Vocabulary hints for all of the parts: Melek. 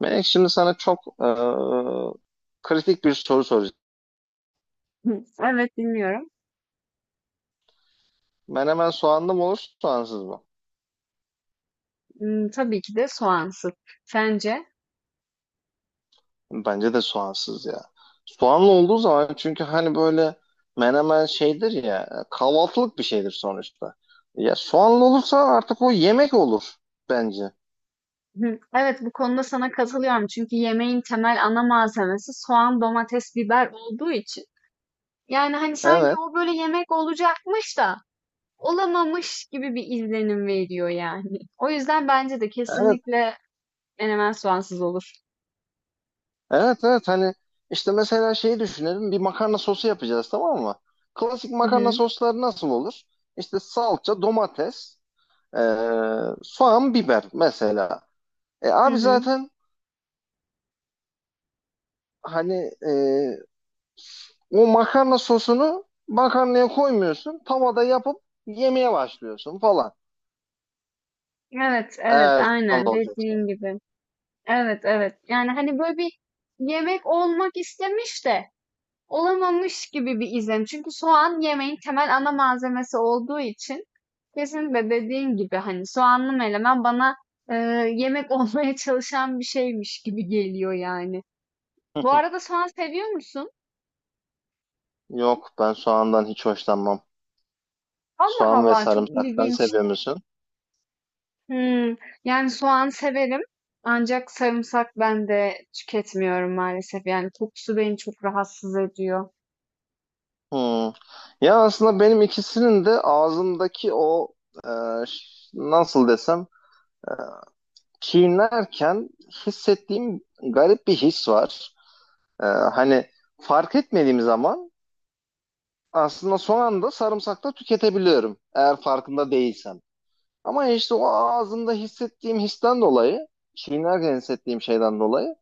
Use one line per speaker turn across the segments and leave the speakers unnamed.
Melek şimdi sana çok kritik bir soru soracağım.
Hı, evet dinliyorum.
Menemen soğanlı mı olur, soğansız mı?
Hmm, tabii ki de soğansız. Sence?
Bence de soğansız ya. Soğanlı olduğu zaman çünkü hani böyle menemen şeydir ya, kahvaltılık bir şeydir sonuçta. Ya soğanlı olursa artık o yemek olur bence.
Hı, evet, bu konuda sana katılıyorum, çünkü yemeğin temel ana malzemesi soğan, domates, biber olduğu için. Yani hani sanki
Evet,
o böyle yemek olacakmış da olamamış gibi bir izlenim veriyor yani. O yüzden bence de
evet,
kesinlikle menemen soğansız olur.
evet, evet. Hani işte mesela şeyi düşünelim, bir makarna sosu yapacağız, tamam mı? Klasik
Hı
makarna
hı,
sosları nasıl olur? İşte salça, domates, ee, soğan, biber mesela. E
hı
abi
hı.
zaten hani e, o makarna sosunu makarnaya koymuyorsun. Tavada yapıp yemeye başlıyorsun falan.
Evet, evet,
Eğer soğanlı
aynen
olacaksa.
dediğin gibi. Evet, evet. Yani hani böyle bir yemek olmak istemiş de olamamış gibi bir izlenim. Çünkü soğan yemeğin temel ana malzemesi olduğu için kesinlikle dediğin gibi hani soğanlı menemen bana e, yemek olmaya çalışan bir şeymiş gibi geliyor yani. Bu arada soğan seviyor musun?
Yok, ben soğandan hiç hoşlanmam.
Allah
Soğan ve
Allah, çok
sarımsaktan
ilginç.
seviyor musun?
Hmm, yani soğan severim ancak sarımsak ben de tüketmiyorum maalesef. Yani kokusu beni çok rahatsız ediyor.
Hmm. Ya aslında benim ikisinin de ağzımdaki e, nasıl desem, e, çiğnerken hissettiğim garip bir his var. Hani fark etmediğim zaman aslında son anda sarımsak da tüketebiliyorum eğer farkında değilsem. Ama işte o ağzımda hissettiğim histen dolayı, çiğnerken hissettiğim şeyden dolayı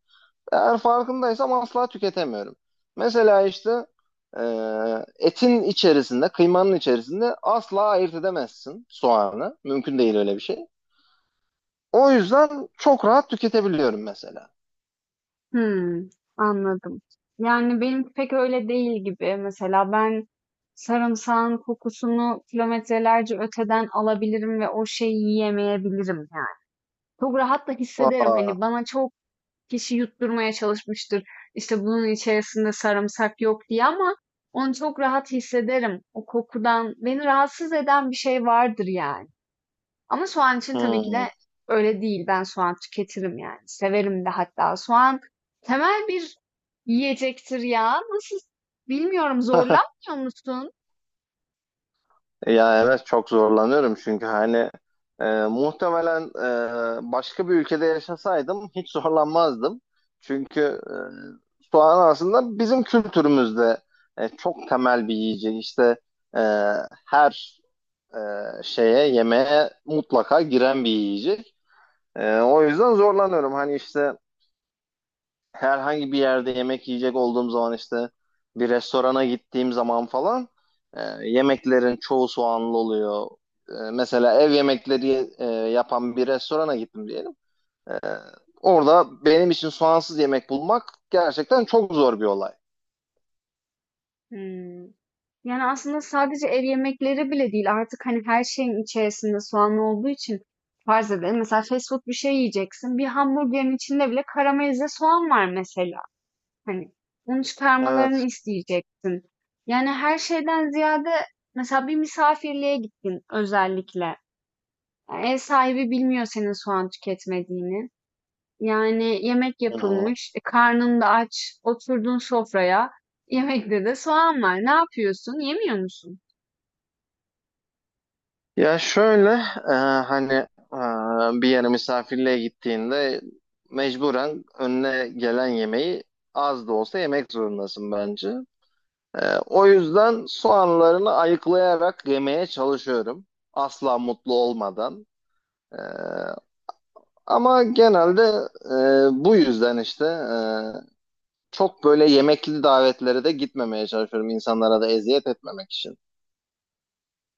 eğer farkındaysam asla tüketemiyorum. Mesela işte e, etin içerisinde, kıymanın içerisinde asla ayırt edemezsin soğanı. Mümkün değil öyle bir şey. O yüzden çok rahat tüketebiliyorum mesela.
Hımm, anladım. Yani benim pek öyle değil gibi. Mesela ben sarımsağın kokusunu kilometrelerce öteden alabilirim ve o şeyi yiyemeyebilirim yani. Çok rahat da hissederim.
Aa,
Hani bana çok kişi yutturmaya çalışmıştır, işte, bunun içerisinde sarımsak yok diye, ama onu çok rahat hissederim. O kokudan beni rahatsız eden bir şey vardır yani. Ama soğan için tabii ki de
hmm.
öyle değil. Ben soğan tüketirim yani. Severim de hatta. Soğan temel bir yiyecektir ya. Nasıl, bilmiyorum, zorlanmıyor musun?
Ya evet, çok zorlanıyorum çünkü hani muhtemelen başka bir ülkede yaşasaydım hiç zorlanmazdım. Çünkü soğan aslında bizim kültürümüzde çok temel bir yiyecek. İşte e, her şeye, yemeğe mutlaka giren bir yiyecek. O yüzden zorlanıyorum. Hani işte herhangi bir yerde yemek yiyecek olduğum zaman, işte bir restorana gittiğim zaman falan, e, yemeklerin çoğu soğanlı oluyor. E, mesela ev yemekleri yapan bir restorana gittim diyelim. E, Orada benim için soğansız yemek bulmak gerçekten çok zor bir olay.
Hmm. Yani aslında sadece ev yemekleri bile değil. Artık hani her şeyin içerisinde soğan olduğu için, farz edelim, mesela fast food bir şey yiyeceksin. Bir hamburgerin içinde bile karamelize soğan var mesela. Hani bunu çıkarmalarını
Evet.
isteyeceksin. Yani her şeyden ziyade, mesela bir misafirliğe gittin özellikle. Yani ev sahibi bilmiyor senin soğan tüketmediğini. Yani yemek
Hı hı.
yapılmış, karnın da aç, oturdun sofraya. Yemekte de soğan var. Ne yapıyorsun? Yemiyor musun?
Ya şöyle, e, hani bir yere misafirliğe gittiğinde mecburen önüne gelen yemeği az da olsa yemek zorundasın bence. O yüzden soğanlarını ayıklayarak yemeye çalışıyorum. Asla mutlu olmadan. E, Ama genelde bu yüzden işte çok böyle yemekli davetlere de gitmemeye çalışıyorum insanlara da eziyet etmemek için.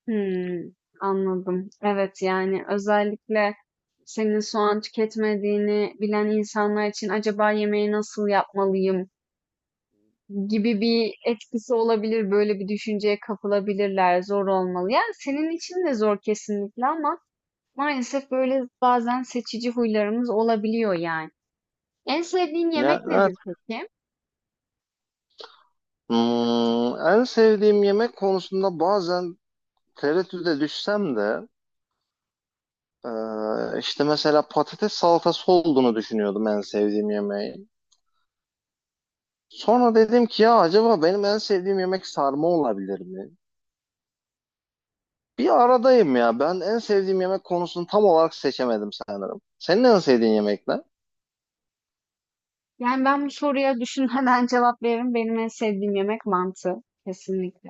Hmm, anladım. Evet, yani özellikle senin soğan tüketmediğini bilen insanlar için, "Acaba yemeği nasıl yapmalıyım?" gibi bir etkisi olabilir. Böyle bir düşünceye kapılabilirler. Zor olmalı. Yani senin için de zor kesinlikle, ama maalesef böyle bazen seçici huylarımız olabiliyor yani. En sevdiğin
Ya,
yemek
evet.
nedir peki?
Hmm, en sevdiğim yemek konusunda bazen tereddüde düşsem de işte mesela patates salatası olduğunu düşünüyordum en sevdiğim yemeği. Sonra dedim ki ya acaba benim en sevdiğim yemek sarma olabilir mi? Bir aradayım ya. Ben en sevdiğim yemek konusunu tam olarak seçemedim sanırım. Senin en sevdiğin yemek ne?
Yani ben bu soruya düşünmeden cevap veririm. Benim en sevdiğim yemek mantı. Kesinlikle.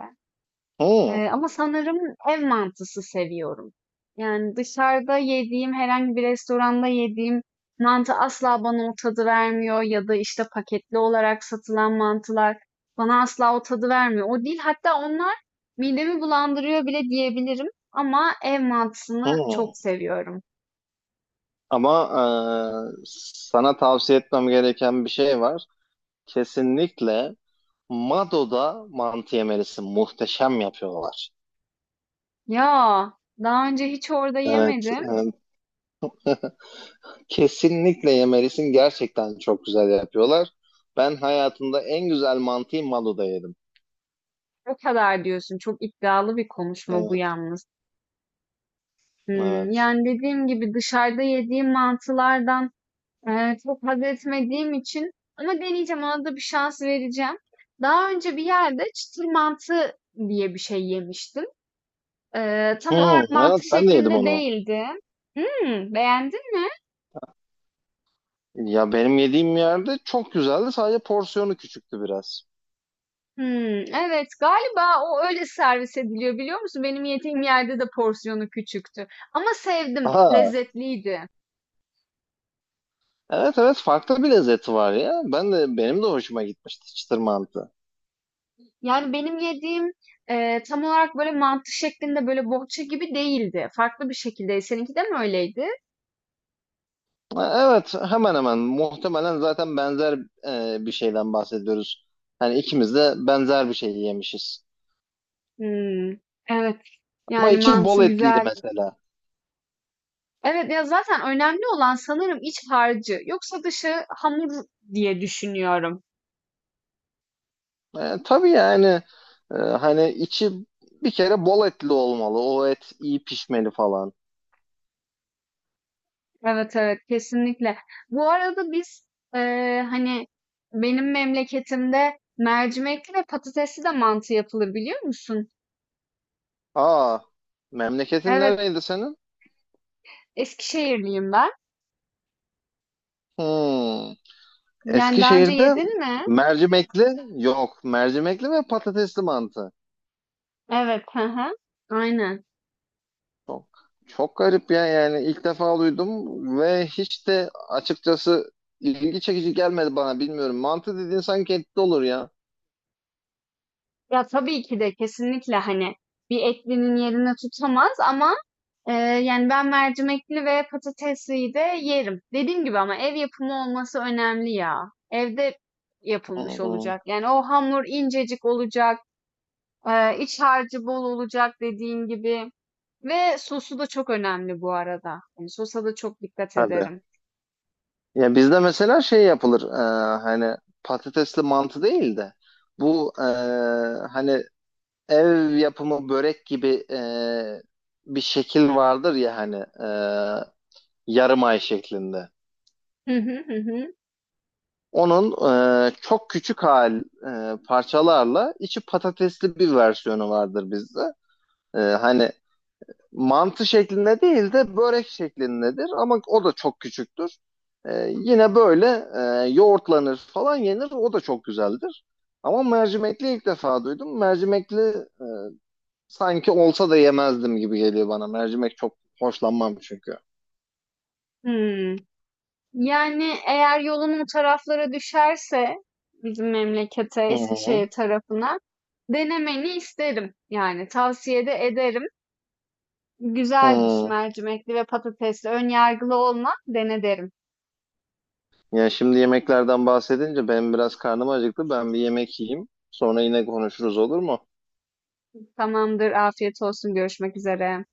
Hmm,
Ama sanırım ev mantısı seviyorum. Yani dışarıda yediğim, herhangi bir restoranda yediğim mantı asla bana o tadı vermiyor, ya da işte paketli olarak satılan mantılar bana asla o tadı vermiyor. O değil, hatta onlar midemi bulandırıyor bile diyebilirim, ama ev mantısını
hmm.
çok seviyorum.
Ama e, sana tavsiye etmem gereken bir şey var. Kesinlikle Mado'da mantı yemelisin. Muhteşem yapıyorlar.
Ya daha önce hiç orada
Evet,
yemedim.
evet. Kesinlikle yemelisin. Gerçekten çok güzel yapıyorlar. Ben hayatımda en güzel mantıyı Malu'da yedim.
O kadar diyorsun. Çok iddialı bir konuşma bu
Evet,
yalnız. Hmm,
evet.
yani dediğim gibi dışarıda yediğim mantılardan çok haz etmediğim için, ama deneyeceğim, ona da bir şans vereceğim. Daha önce bir yerde çıtır mantı diye bir şey yemiştim. Tam olarak
Hmm, evet
mantı
ben de yedim
şeklinde
onu.
değildi. Hımm, beğendin mi?
Ya benim yediğim yerde çok güzeldi. Sadece porsiyonu küçüktü biraz.
Hımm, evet, galiba o öyle servis ediliyor, biliyor musun? Benim yediğim yerde de porsiyonu küçüktü, ama sevdim,
Aha,
lezzetliydi.
evet, evet, farklı bir lezzeti var ya. Benim de hoşuma gitmişti çıtır mantı.
Yani benim yediğim, tam olarak böyle mantı şeklinde, böyle bohça gibi değildi. Farklı bir şekildeydi. Seninki de mi öyleydi?
Ha, evet, hemen hemen muhtemelen zaten benzer bir şeyden bahsediyoruz. Hani ikimiz de benzer bir şey yemişiz.
Hmm, evet.
Ama
Yani
içi bol
mantığı
etliydi
güzeldi.
mesela.
Evet, ya, zaten önemli olan sanırım iç harcı. Yoksa dışı hamur diye düşünüyorum.
Tabii, yani hani içi bir kere bol etli olmalı. O et iyi pişmeli falan.
Evet, evet, kesinlikle. Bu arada biz, hani, benim memleketimde mercimekli ve patatesli de mantı yapılır, biliyor musun?
Aa, memleketin
Evet,
nereydi senin?
Eskişehirliyim ben.
Hmm,
Yani daha önce
Eskişehir'de
yedin mi?
mercimekli yok. Mercimekli ve patatesli mantı.
Evet, hı hı. Aynen.
Çok, çok garip ya, yani ilk defa duydum ve hiç de açıkçası ilgi çekici gelmedi bana, bilmiyorum. Mantı dediğin sanki etli olur ya.
Ya tabii ki de, kesinlikle hani bir etlinin yerini tutamaz, ama e, yani ben mercimekli ve patatesliyi de yerim. Dediğim gibi, ama ev yapımı olması önemli ya. Evde yapılmış
Hmm.
olacak. Yani o hamur incecik olacak, iç harcı bol olacak, dediğin gibi. Ve sosu da çok önemli bu arada. Yani sosa da çok dikkat
Hadi.
ederim.
Ya bizde mesela şey yapılır, hani patatesli mantı değil de bu, hani ev yapımı börek gibi bir şekil vardır ya, hani, yarım ay şeklinde.
Hı hı, hı hı.
Onun çok küçük parçalarla içi patatesli bir versiyonu vardır bizde. Hani mantı şeklinde değil de börek şeklindedir ama o da çok küçüktür. Yine böyle yoğurtlanır falan, yenir, o da çok güzeldir. Ama mercimekli ilk defa duydum. Mercimekli sanki olsa da yemezdim gibi geliyor bana. Mercimek çok hoşlanmam çünkü.
Hmm. Yani eğer yolun o taraflara düşerse, bizim memlekete,
Hı hı.
Eskişehir tarafına, denemeni isterim. Yani tavsiye de ederim. Güzeldir
Hı.
mercimekli ve patatesli. Ön yargılı olma, dene derim.
Ya şimdi yemeklerden bahsedince benim biraz karnım acıktı. Ben bir yemek yiyeyim. Sonra yine konuşuruz, olur mu?
Tamamdır, afiyet olsun. Görüşmek üzere.